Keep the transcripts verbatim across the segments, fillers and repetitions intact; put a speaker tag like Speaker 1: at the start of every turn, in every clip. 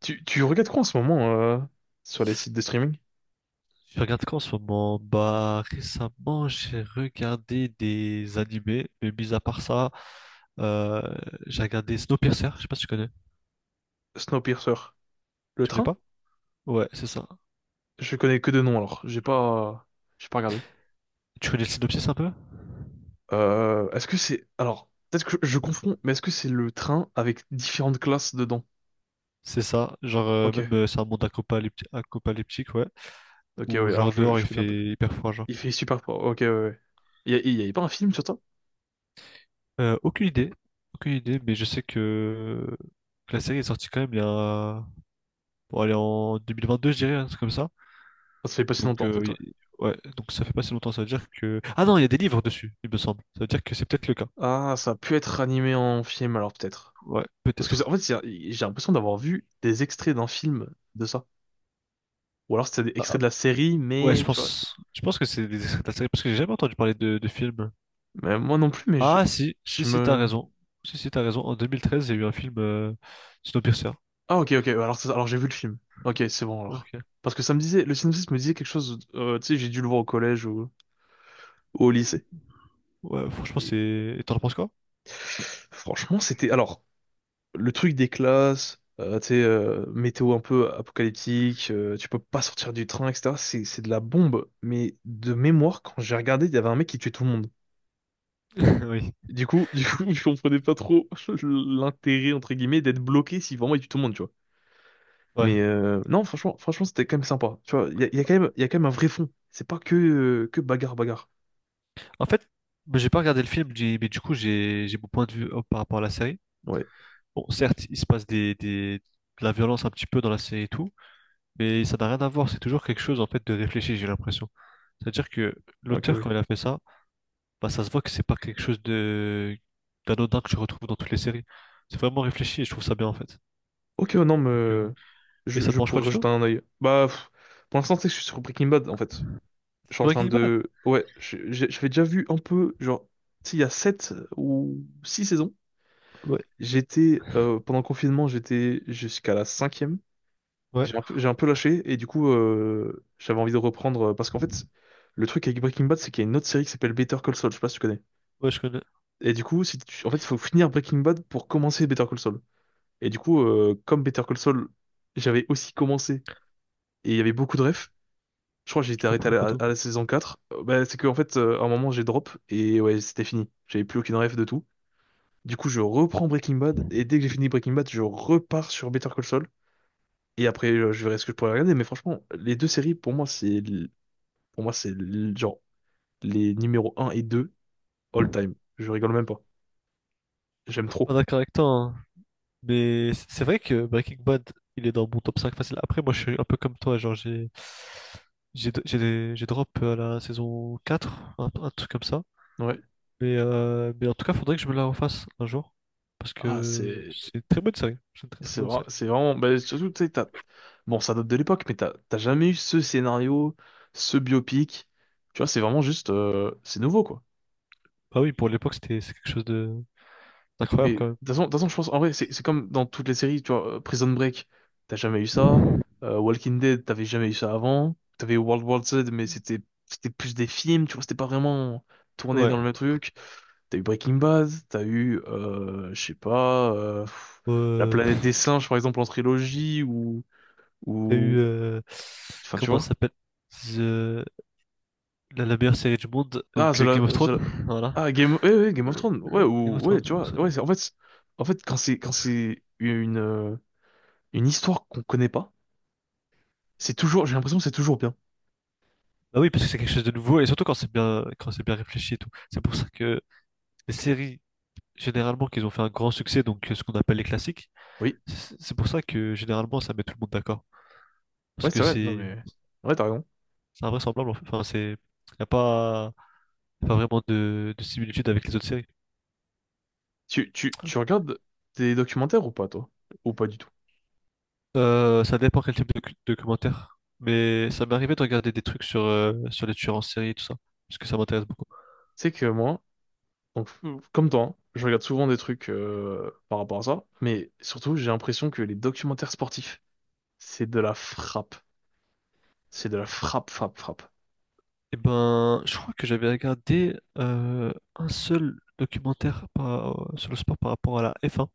Speaker 1: Tu, tu regardes quoi en ce moment euh, sur les sites de streaming?
Speaker 2: Je regarde quoi en ce moment? Bah, récemment, j'ai regardé des animés, mais mis à part ça, euh, j'ai regardé Snowpiercer. Je sais pas si tu connais.
Speaker 1: Snowpiercer. Le
Speaker 2: Tu connais
Speaker 1: train?
Speaker 2: pas? Ouais, c'est ça.
Speaker 1: Je connais que de nom alors. J'ai pas, j'ai pas regardé.
Speaker 2: Tu connais le synopsis un peu?
Speaker 1: Euh, est-ce que c'est... Alors, peut-être que je, je confonds, mais est-ce que c'est le train avec différentes classes dedans?
Speaker 2: C'est ça. Genre, euh, même,
Speaker 1: Ok.
Speaker 2: euh, c'est un monde apocalypti- apocalyptique, ouais.
Speaker 1: Ok, oui,
Speaker 2: Où,
Speaker 1: alors
Speaker 2: genre,
Speaker 1: je,
Speaker 2: dehors, il
Speaker 1: je connais un peu.
Speaker 2: fait hyper froid, genre.
Speaker 1: Il fait super froid. Ok, ouais, ouais. Il y a, il y avait pas un film sur ça?
Speaker 2: Euh, aucune idée. Aucune idée, mais je sais que, que la série est sortie quand même il y a. Bon, elle est en deux mille vingt-deux, je dirais, un truc comme ça.
Speaker 1: Ah, ça fait pas si
Speaker 2: Donc,
Speaker 1: longtemps en fait,
Speaker 2: euh, y-
Speaker 1: ouais.
Speaker 2: ouais, donc ça fait pas si longtemps, ça veut dire que... Ah non, il y a des livres dessus, il me semble. Ça veut dire que c'est peut-être le cas.
Speaker 1: Ah, ça a pu être animé en film alors peut-être.
Speaker 2: Ouais,
Speaker 1: Parce que c'est- en
Speaker 2: peut-être.
Speaker 1: fait, c'est- j'ai l'impression d'avoir vu des extraits d'un film de ça. Ou alors c'était des
Speaker 2: Ah,
Speaker 1: extraits de la série,
Speaker 2: ouais, je
Speaker 1: mais tu vois.
Speaker 2: pense, je pense que c'est des extraits de la série, parce que j'ai jamais entendu parler de, de film.
Speaker 1: Mais moi non plus, mais je,
Speaker 2: Ah si, si,
Speaker 1: je
Speaker 2: si, t'as
Speaker 1: me...
Speaker 2: raison. Si, si, t'as raison. En deux mille treize, il y a eu un film, euh, Snowpiercer.
Speaker 1: Ah, ok, ok, alors, ça- alors j'ai vu le film. Ok, c'est bon alors.
Speaker 2: Ok.
Speaker 1: Parce que ça me disait, le synopsis me disait quelque chose, euh, tu sais, j'ai dû le voir au collège ou, ou au lycée.
Speaker 2: Ouais, franchement,
Speaker 1: Et
Speaker 2: c'est... Et t'en penses quoi?
Speaker 1: franchement, c'était... Alors, le truc des classes, euh, tu sais, euh, météo un peu apocalyptique, euh, tu peux pas sortir du train, et cetera. C'est, c'est de la bombe. Mais de mémoire, quand j'ai regardé, il y avait un mec qui tuait tout le monde.
Speaker 2: Oui.
Speaker 1: Du coup, du coup, je comprenais pas trop l'intérêt, entre guillemets, d'être bloqué si vraiment il tue tout le monde.
Speaker 2: Ouais.
Speaker 1: Mais euh, non, franchement, franchement, c'était quand même sympa. Tu vois, il y a, il y a quand même, il y a quand même un vrai fond. C'est pas que, euh, que bagarre, bagarre.
Speaker 2: En fait, bah, j'ai pas regardé le film, j'ai- mais du coup, j'ai j'ai mon point de vue euh, par rapport à la série.
Speaker 1: Ouais,
Speaker 2: Bon, certes, il se passe des, des, de la violence un petit peu dans la série et tout, mais ça n'a rien à voir. C'est toujours quelque chose, en fait, de réfléchi, j'ai l'impression. C'est-à-dire que
Speaker 1: ok,
Speaker 2: l'auteur, quand
Speaker 1: oui.
Speaker 2: il a fait ça, bah, ça se voit que c'est pas quelque chose de d'anodin que je retrouve dans toutes les séries. C'est vraiment réfléchi et je trouve ça bien, en fait.
Speaker 1: Ok, ouais, non, mais
Speaker 2: Donc, euh,
Speaker 1: euh,
Speaker 2: Et
Speaker 1: je,
Speaker 2: ça te
Speaker 1: je
Speaker 2: mange pas
Speaker 1: pourrais
Speaker 2: du
Speaker 1: jeter
Speaker 2: tout?
Speaker 1: un œil. Bah, pff, pour l'instant, tu sais que je suis sur Breaking Bad, en fait. Je
Speaker 2: C'est
Speaker 1: suis en train
Speaker 2: Breaking Bad?
Speaker 1: de... Ouais, je- j'ai- j'avais déjà vu un peu, genre, tu sais, il y a sept ou six saisons.
Speaker 2: Ouais,
Speaker 1: J'étais, euh, pendant le confinement, j'étais jusqu'à la cinquième.
Speaker 2: ouais,
Speaker 1: J'ai un peu, j'ai un peu lâché, et du coup, euh, j'avais envie de reprendre, euh, parce qu'en fait, le truc avec Breaking Bad, c'est qu'il y a une autre série qui s'appelle Better Call Saul, je sais pas si tu connais.
Speaker 2: ouais, je connais.
Speaker 1: Et du coup, si tu- en fait, il faut finir Breaking Bad pour commencer Better Call Saul. Et du coup, euh, comme Better Call Saul, j'avais aussi commencé et il y avait beaucoup de refs. Je crois que j'ai
Speaker 2: Je
Speaker 1: été arrêté à
Speaker 2: comprenais
Speaker 1: la,
Speaker 2: pas tout.
Speaker 1: à la saison quatre. Euh, bah, c'est que en fait, euh, à un moment, j'ai drop et ouais, c'était fini. J'avais plus aucune ref de tout. Du coup, je reprends Breaking Bad et dès que j'ai fini Breaking Bad, je repars sur Better Call Saul. Et après, euh, je verrai ce que je pourrais regarder. Mais franchement, les deux séries, pour moi, c'est l- pour moi, c'est l- genre les numéros un et deux all time. Je rigole même pas. J'aime
Speaker 2: Je suis
Speaker 1: trop.
Speaker 2: pas d'accord avec toi, hein. Mais c- c'est vrai que Breaking Bad, il est dans mon top cinq facile. Après, moi, je suis un peu comme toi, genre, j'ai j'ai j'ai j'ai drop euh, à la saison quatre, un, un truc comme ça.
Speaker 1: Ouais.
Speaker 2: Mais, euh, mais en tout cas, faudrait que je me la refasse un jour. Parce
Speaker 1: Ah,
Speaker 2: que
Speaker 1: c'est
Speaker 2: c'est une très bonne série. C'est une très très
Speaker 1: C'est
Speaker 2: bonne
Speaker 1: vrai,
Speaker 2: série.
Speaker 1: c'est vraiment. Bah, surtout, tu sais, t'as- Bon, ça date de l'époque, mais t'as t'as jamais eu ce scénario, ce biopic. Tu vois, c'est vraiment juste. Euh, c'est nouveau, quoi.
Speaker 2: Bah oui, pour l'époque, c'était c'est quelque chose de d'incroyable
Speaker 1: Mais de
Speaker 2: quand même.
Speaker 1: toute façon, de toute façon, je pense, en vrai, c'est c'est comme dans toutes les séries, tu vois, euh, Prison Break, t'as jamais eu ça. Euh, Walking Dead, t'avais jamais eu ça avant. T'avais World War Z, mais c'était c'était plus des films, tu vois, c'était pas vraiment tourné
Speaker 2: Ouais.
Speaker 1: dans le même truc. T'as eu Breaking Bad, t'as eu, euh, je sais pas, euh, pff,
Speaker 2: Bon,
Speaker 1: La
Speaker 2: Euh,
Speaker 1: planète des singes, par exemple, en trilogie, ou.
Speaker 2: t'as eu
Speaker 1: ou...
Speaker 2: euh,
Speaker 1: Enfin, tu
Speaker 2: comment ça
Speaker 1: vois.
Speaker 2: s'appelle? The- La, la meilleure série du monde,
Speaker 1: Ah,
Speaker 2: donc
Speaker 1: The
Speaker 2: euh,
Speaker 1: La-
Speaker 2: Game of
Speaker 1: The
Speaker 2: Thrones,
Speaker 1: La-
Speaker 2: voilà.
Speaker 1: Ah, Game... Ouais, ouais, Game of Thrones. Ouais,
Speaker 2: Game of
Speaker 1: ou... ouais,
Speaker 2: Thrones,
Speaker 1: tu
Speaker 2: euh,
Speaker 1: vois.
Speaker 2: ça,
Speaker 1: Ouais,
Speaker 2: j'avoue.
Speaker 1: c'est- en fait, c'est- en fait, quand c'est quand c'est une, euh, une histoire qu'on connaît pas, c'est toujours... J'ai l'impression que c'est toujours bien.
Speaker 2: Bah oui, parce que c'est quelque chose de nouveau, et surtout quand c'est bien, quand c'est bien réfléchi et tout. C'est pour ça que les séries, généralement, qu'ils ont fait un grand succès, donc euh, ce qu'on appelle les classiques,
Speaker 1: Oui.
Speaker 2: c'est c'est pour ça que généralement ça met tout le monde d'accord.
Speaker 1: Ouais,
Speaker 2: Parce que
Speaker 1: c'est vrai. Non,
Speaker 2: c'est
Speaker 1: mais... Ouais, t'as raison.
Speaker 2: c'est invraisemblable, en fait. Enfin, c'est, y a pas, y a pas vraiment de, de similitude avec les autres séries.
Speaker 1: Tu, tu, tu regardes des documentaires ou pas, toi? Ou pas du tout?
Speaker 2: Euh, ça dépend quel type de cu- documentaire, mais ça m'est arrivé de regarder des trucs sur, euh, sur les tueurs en série et tout ça, parce que ça m'intéresse beaucoup.
Speaker 1: C'est que moi, donc, comme toi, hein, je regarde souvent des trucs euh, par rapport à ça, mais surtout, j'ai l'impression que les documentaires sportifs, c'est de la frappe. C'est de la frappe, frappe, frappe.
Speaker 2: Eh ben, je crois que j'avais regardé euh, un seul documentaire par- euh, sur le sport par rapport à la f un.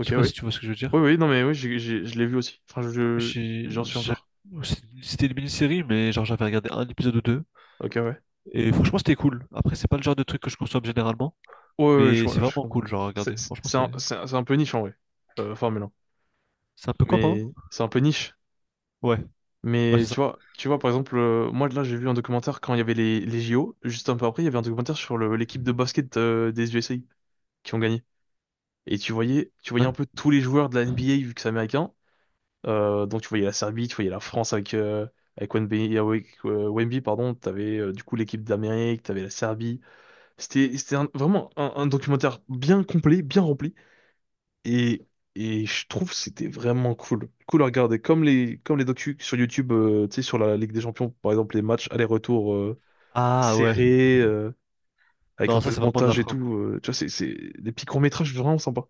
Speaker 2: Je sais pas si
Speaker 1: oui.
Speaker 2: tu vois ce que je veux
Speaker 1: Oui,
Speaker 2: dire.
Speaker 1: oui, non, mais oui, j'ai, j'ai- je l'ai vu aussi. Enfin, je, je-
Speaker 2: J'ai,
Speaker 1: j'en suis
Speaker 2: j'a-
Speaker 1: encore.
Speaker 2: c'est- c'était une mini-série, mais genre j'avais regardé un épisode ou deux.
Speaker 1: Ok, ouais. Ouais,
Speaker 2: Et franchement, c'était cool. Après, c'est pas le genre de truc que je consomme généralement,
Speaker 1: ouais, ouais, je,
Speaker 2: mais c'est
Speaker 1: ouais, je
Speaker 2: vraiment
Speaker 1: comprends.
Speaker 2: cool, genre à regarder.
Speaker 1: C'est c'est-
Speaker 2: Franchement,
Speaker 1: c'est un,
Speaker 2: c'est,
Speaker 1: c'est un, c'est un peu niche, en vrai, euh, Formule un.
Speaker 2: c'est un peu quoi, pardon?
Speaker 1: Mais c'est un peu niche.
Speaker 2: Ouais, ouais,
Speaker 1: Mais
Speaker 2: c'est ça.
Speaker 1: tu vois, tu vois, par exemple, euh, moi, là, j'ai vu un documentaire quand il y avait les, les J O. Juste un peu après, il y avait un documentaire sur le- l'équipe de basket euh, des U S A qui ont gagné. Et tu voyais, tu voyais
Speaker 2: Ouais.
Speaker 1: un peu tous les joueurs de la N B A, vu que c'est américain. Euh, donc, tu voyais la Serbie, tu voyais la France avec, euh, avec Wemby, avec, euh, Wemby, pardon. T'avais, euh, du coup, l'équipe d'Amérique, t'avais la Serbie. C'était, c'était un- vraiment un, un documentaire bien complet, bien rempli. Et, et je trouve que c'était vraiment cool. Cool à regarder. Comme les, comme les docus sur YouTube, euh, tu sais, sur la Ligue des Champions, par exemple, les matchs aller-retour euh,
Speaker 2: Ah ouais.
Speaker 1: serrés, euh, avec
Speaker 2: Non,
Speaker 1: un peu
Speaker 2: ça
Speaker 1: de
Speaker 2: c'est vraiment de la
Speaker 1: montage et
Speaker 2: frappe.
Speaker 1: tout. Euh, tu vois, c'est, c'est des petits courts-métrages vraiment sympas.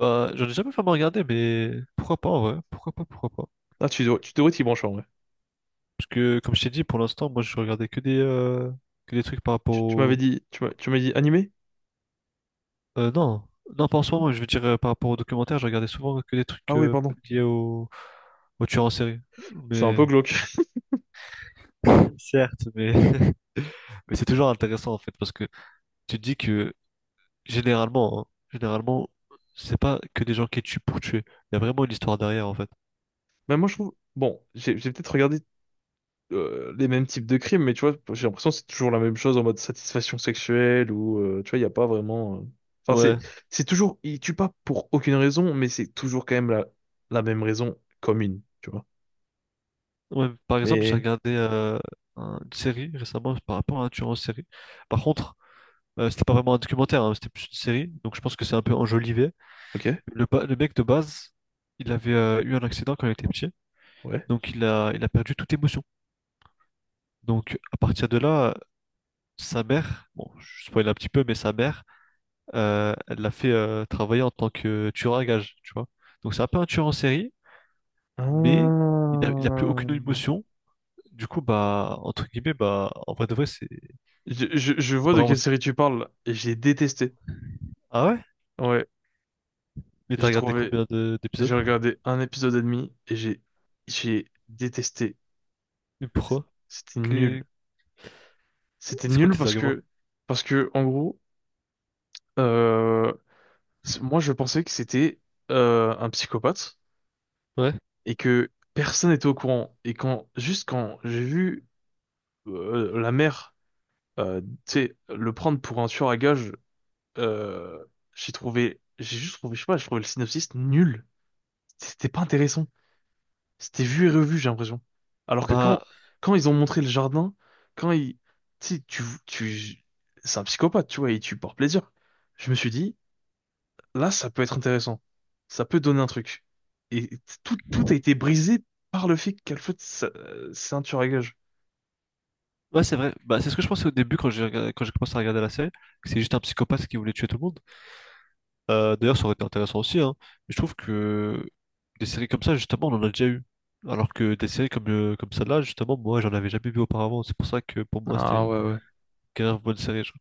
Speaker 2: Euh, j'en ai jamais vraiment regardé, mais pourquoi pas, ouais. Pourquoi pas, pourquoi pas.
Speaker 1: Ah, tu, devrais- tu devrais t'y brancher en vrai.
Speaker 2: Parce que, comme je t'ai dit, pour l'instant, moi, je regardais que des, euh, que des trucs par rapport
Speaker 1: Tu, tu m'avais
Speaker 2: au...
Speaker 1: dit, tu m'as, tu m'as dit animé?
Speaker 2: Euh, non, non, pas en ce
Speaker 1: Non?
Speaker 2: moment, je veux dire euh, par rapport aux documentaires, je regardais souvent que des
Speaker 1: Ah
Speaker 2: trucs
Speaker 1: oui,
Speaker 2: euh,
Speaker 1: pardon.
Speaker 2: liés au, au tueur en série.
Speaker 1: C'est un peu
Speaker 2: Mais,
Speaker 1: glauque.
Speaker 2: certes, mais, mais c'est toujours intéressant, en fait, parce que tu te dis que, généralement, hein, généralement, c'est pas que des gens qui tuent pour tuer. Il y a vraiment une histoire derrière, en fait.
Speaker 1: Mais moi, je trouve. Bon, j'ai j'ai peut-être regardé euh, les mêmes types de crimes, mais tu vois, j'ai l'impression que c'est toujours la même chose en mode satisfaction sexuelle ou euh, tu vois, il n'y a pas vraiment. euh, Enfin, c'est
Speaker 2: Ouais.
Speaker 1: c'est toujours, ils tuent pas pour aucune raison, mais c'est toujours quand même la, la même raison commune, tu vois.
Speaker 2: Ouais, par exemple, j'ai
Speaker 1: Mais
Speaker 2: regardé euh, un- une série récemment par rapport à un tueur en série. Par contre, euh, c'était pas vraiment un documentaire, hein, c'était plus une série, donc je pense que c'est un peu enjolivé.
Speaker 1: ok,
Speaker 2: Le, ba- le mec de base, il avait euh, eu un accident quand il était petit,
Speaker 1: ouais.
Speaker 2: donc il a, il a perdu toute émotion. Donc à partir de là, sa mère, bon, je spoil un petit peu, mais sa mère, euh, elle l'a fait euh, travailler en tant que tueur à gages, tu vois. Donc c'est un peu un tueur en série, mais
Speaker 1: Ah.
Speaker 2: il a, il a plus aucune émotion. Du coup, bah, entre guillemets, bah, en vrai de vrai, c'est
Speaker 1: Je, je, je
Speaker 2: c'est
Speaker 1: vois
Speaker 2: pas
Speaker 1: de
Speaker 2: vraiment...
Speaker 1: quelle série tu parles et j'ai détesté.
Speaker 2: Ah ouais?
Speaker 1: Ouais,
Speaker 2: Mais t'as
Speaker 1: j'ai
Speaker 2: regardé
Speaker 1: trouvé,
Speaker 2: combien de- d'épisodes?
Speaker 1: j'ai regardé un épisode et demi et j'ai j'ai détesté.
Speaker 2: Et pourquoi?
Speaker 1: C'était nul.
Speaker 2: Que-
Speaker 1: C'était
Speaker 2: C'est quoi
Speaker 1: nul
Speaker 2: tes
Speaker 1: parce
Speaker 2: arguments?
Speaker 1: que parce que en gros. Euh, c- moi, je pensais que c'était euh, un psychopathe
Speaker 2: Ouais.
Speaker 1: et que personne n'était au courant. Et quand, juste quand j'ai vu euh, la mère, euh, tu sais, le prendre pour un tueur à gages, euh, j'ai trouvé, j'ai juste trouvé, je sais pas, j'ai trouvé le synopsis nul. C'était pas intéressant. C'était vu et revu, j'ai l'impression. Alors que quand,
Speaker 2: Bah,
Speaker 1: quand ils ont montré le jardin, quand ils, tu sais, tu, tu, c'est un psychopathe, tu vois, il tue par plaisir. Je me suis dit, là, ça peut être intéressant. Ça peut donner un truc. Et tout, tout a été brisé par le fait qu'elle fasse sa- euh, c'est un tueur à gage.
Speaker 2: ouais, c'est vrai. Bah, c'est ce que je pensais au début quand j'ai regardé- quand j'ai commencé à regarder la série, que c'est juste un psychopathe qui voulait tuer tout le monde. Euh, d'ailleurs, ça aurait été intéressant aussi, hein. Mais je trouve que des séries comme ça, justement, on en a déjà eu. Alors que des séries comme, euh, comme celle-là, justement, moi, j'en avais jamais vu auparavant. C'est pour ça que pour moi, c'était
Speaker 1: Ah
Speaker 2: une
Speaker 1: ouais, ouais.
Speaker 2: grave bonne série, genre.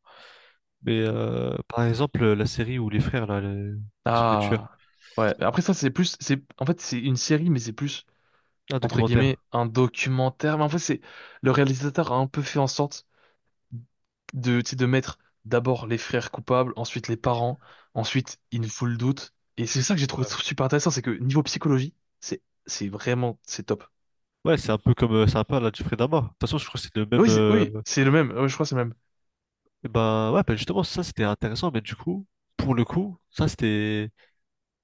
Speaker 2: Mais euh, par exemple, la série où les frères, là, les- qui sont des tueurs,
Speaker 1: Ah ouais. Après ça, c'est plus, c'est, en fait, c'est une série, mais c'est plus,
Speaker 2: un
Speaker 1: entre guillemets,
Speaker 2: documentaire.
Speaker 1: un documentaire. Mais en fait, c'est, le réalisateur a un peu fait en sorte de, tu sais, de mettre d'abord les frères coupables, ensuite les parents, ensuite il nous faut le doute. Et c'est ça que j'ai trouvé
Speaker 2: Ouais,
Speaker 1: super intéressant, c'est que niveau psychologie, c'est, c'est vraiment, c'est top.
Speaker 2: ouais, c'est un peu comme euh, c'est un peu à la Jeffrey Dahmer. De toute façon, je crois que c'est le même.
Speaker 1: Oui, c'est, oui,
Speaker 2: Euh,
Speaker 1: c'est le même. Ouais, je crois que c'est le même.
Speaker 2: eh ben ouais, ben justement, ça c'était intéressant, mais du coup, pour le coup, ça c'était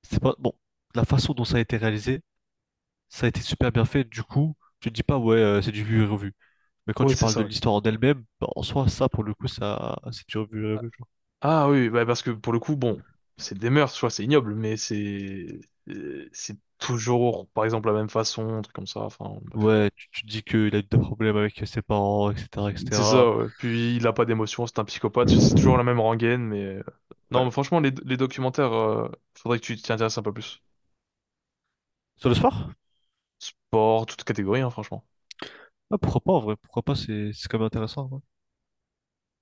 Speaker 2: c'est pas bon. La façon dont ça a été réalisé, ça a été super bien fait. Du coup, tu te dis pas ouais, euh, c'est du vu et revu. Mais quand
Speaker 1: Oui,
Speaker 2: tu
Speaker 1: c'est
Speaker 2: parles
Speaker 1: ça,
Speaker 2: de
Speaker 1: ouais.
Speaker 2: l'histoire en elle-même, bah, en soi, ça, pour le coup, ça, c'est déjà vu, euh, genre.
Speaker 1: Ah oui, bah parce que pour le coup, bon, c'est des mœurs, tu vois, c'est ignoble, mais c'est euh, c'est toujours, par exemple, la même façon, un truc comme ça, enfin, bref.
Speaker 2: Ouais, tu, tu te dis qu'il a eu des problèmes avec ses parents, et cetera,
Speaker 1: C'est
Speaker 2: et cetera.
Speaker 1: ça, ouais. Puis il a pas d'émotion, c'est un psychopathe, c'est toujours la même rengaine, mais... euh, Non,
Speaker 2: Ouais.
Speaker 1: mais franchement, les, les documentaires, euh, faudrait que tu t'y intéresses un peu plus.
Speaker 2: Sur le sport?
Speaker 1: Sport, toute catégorie, hein, franchement.
Speaker 2: Ah, pourquoi pas, en vrai, pourquoi pas, c'est c'est quand même intéressant, hein.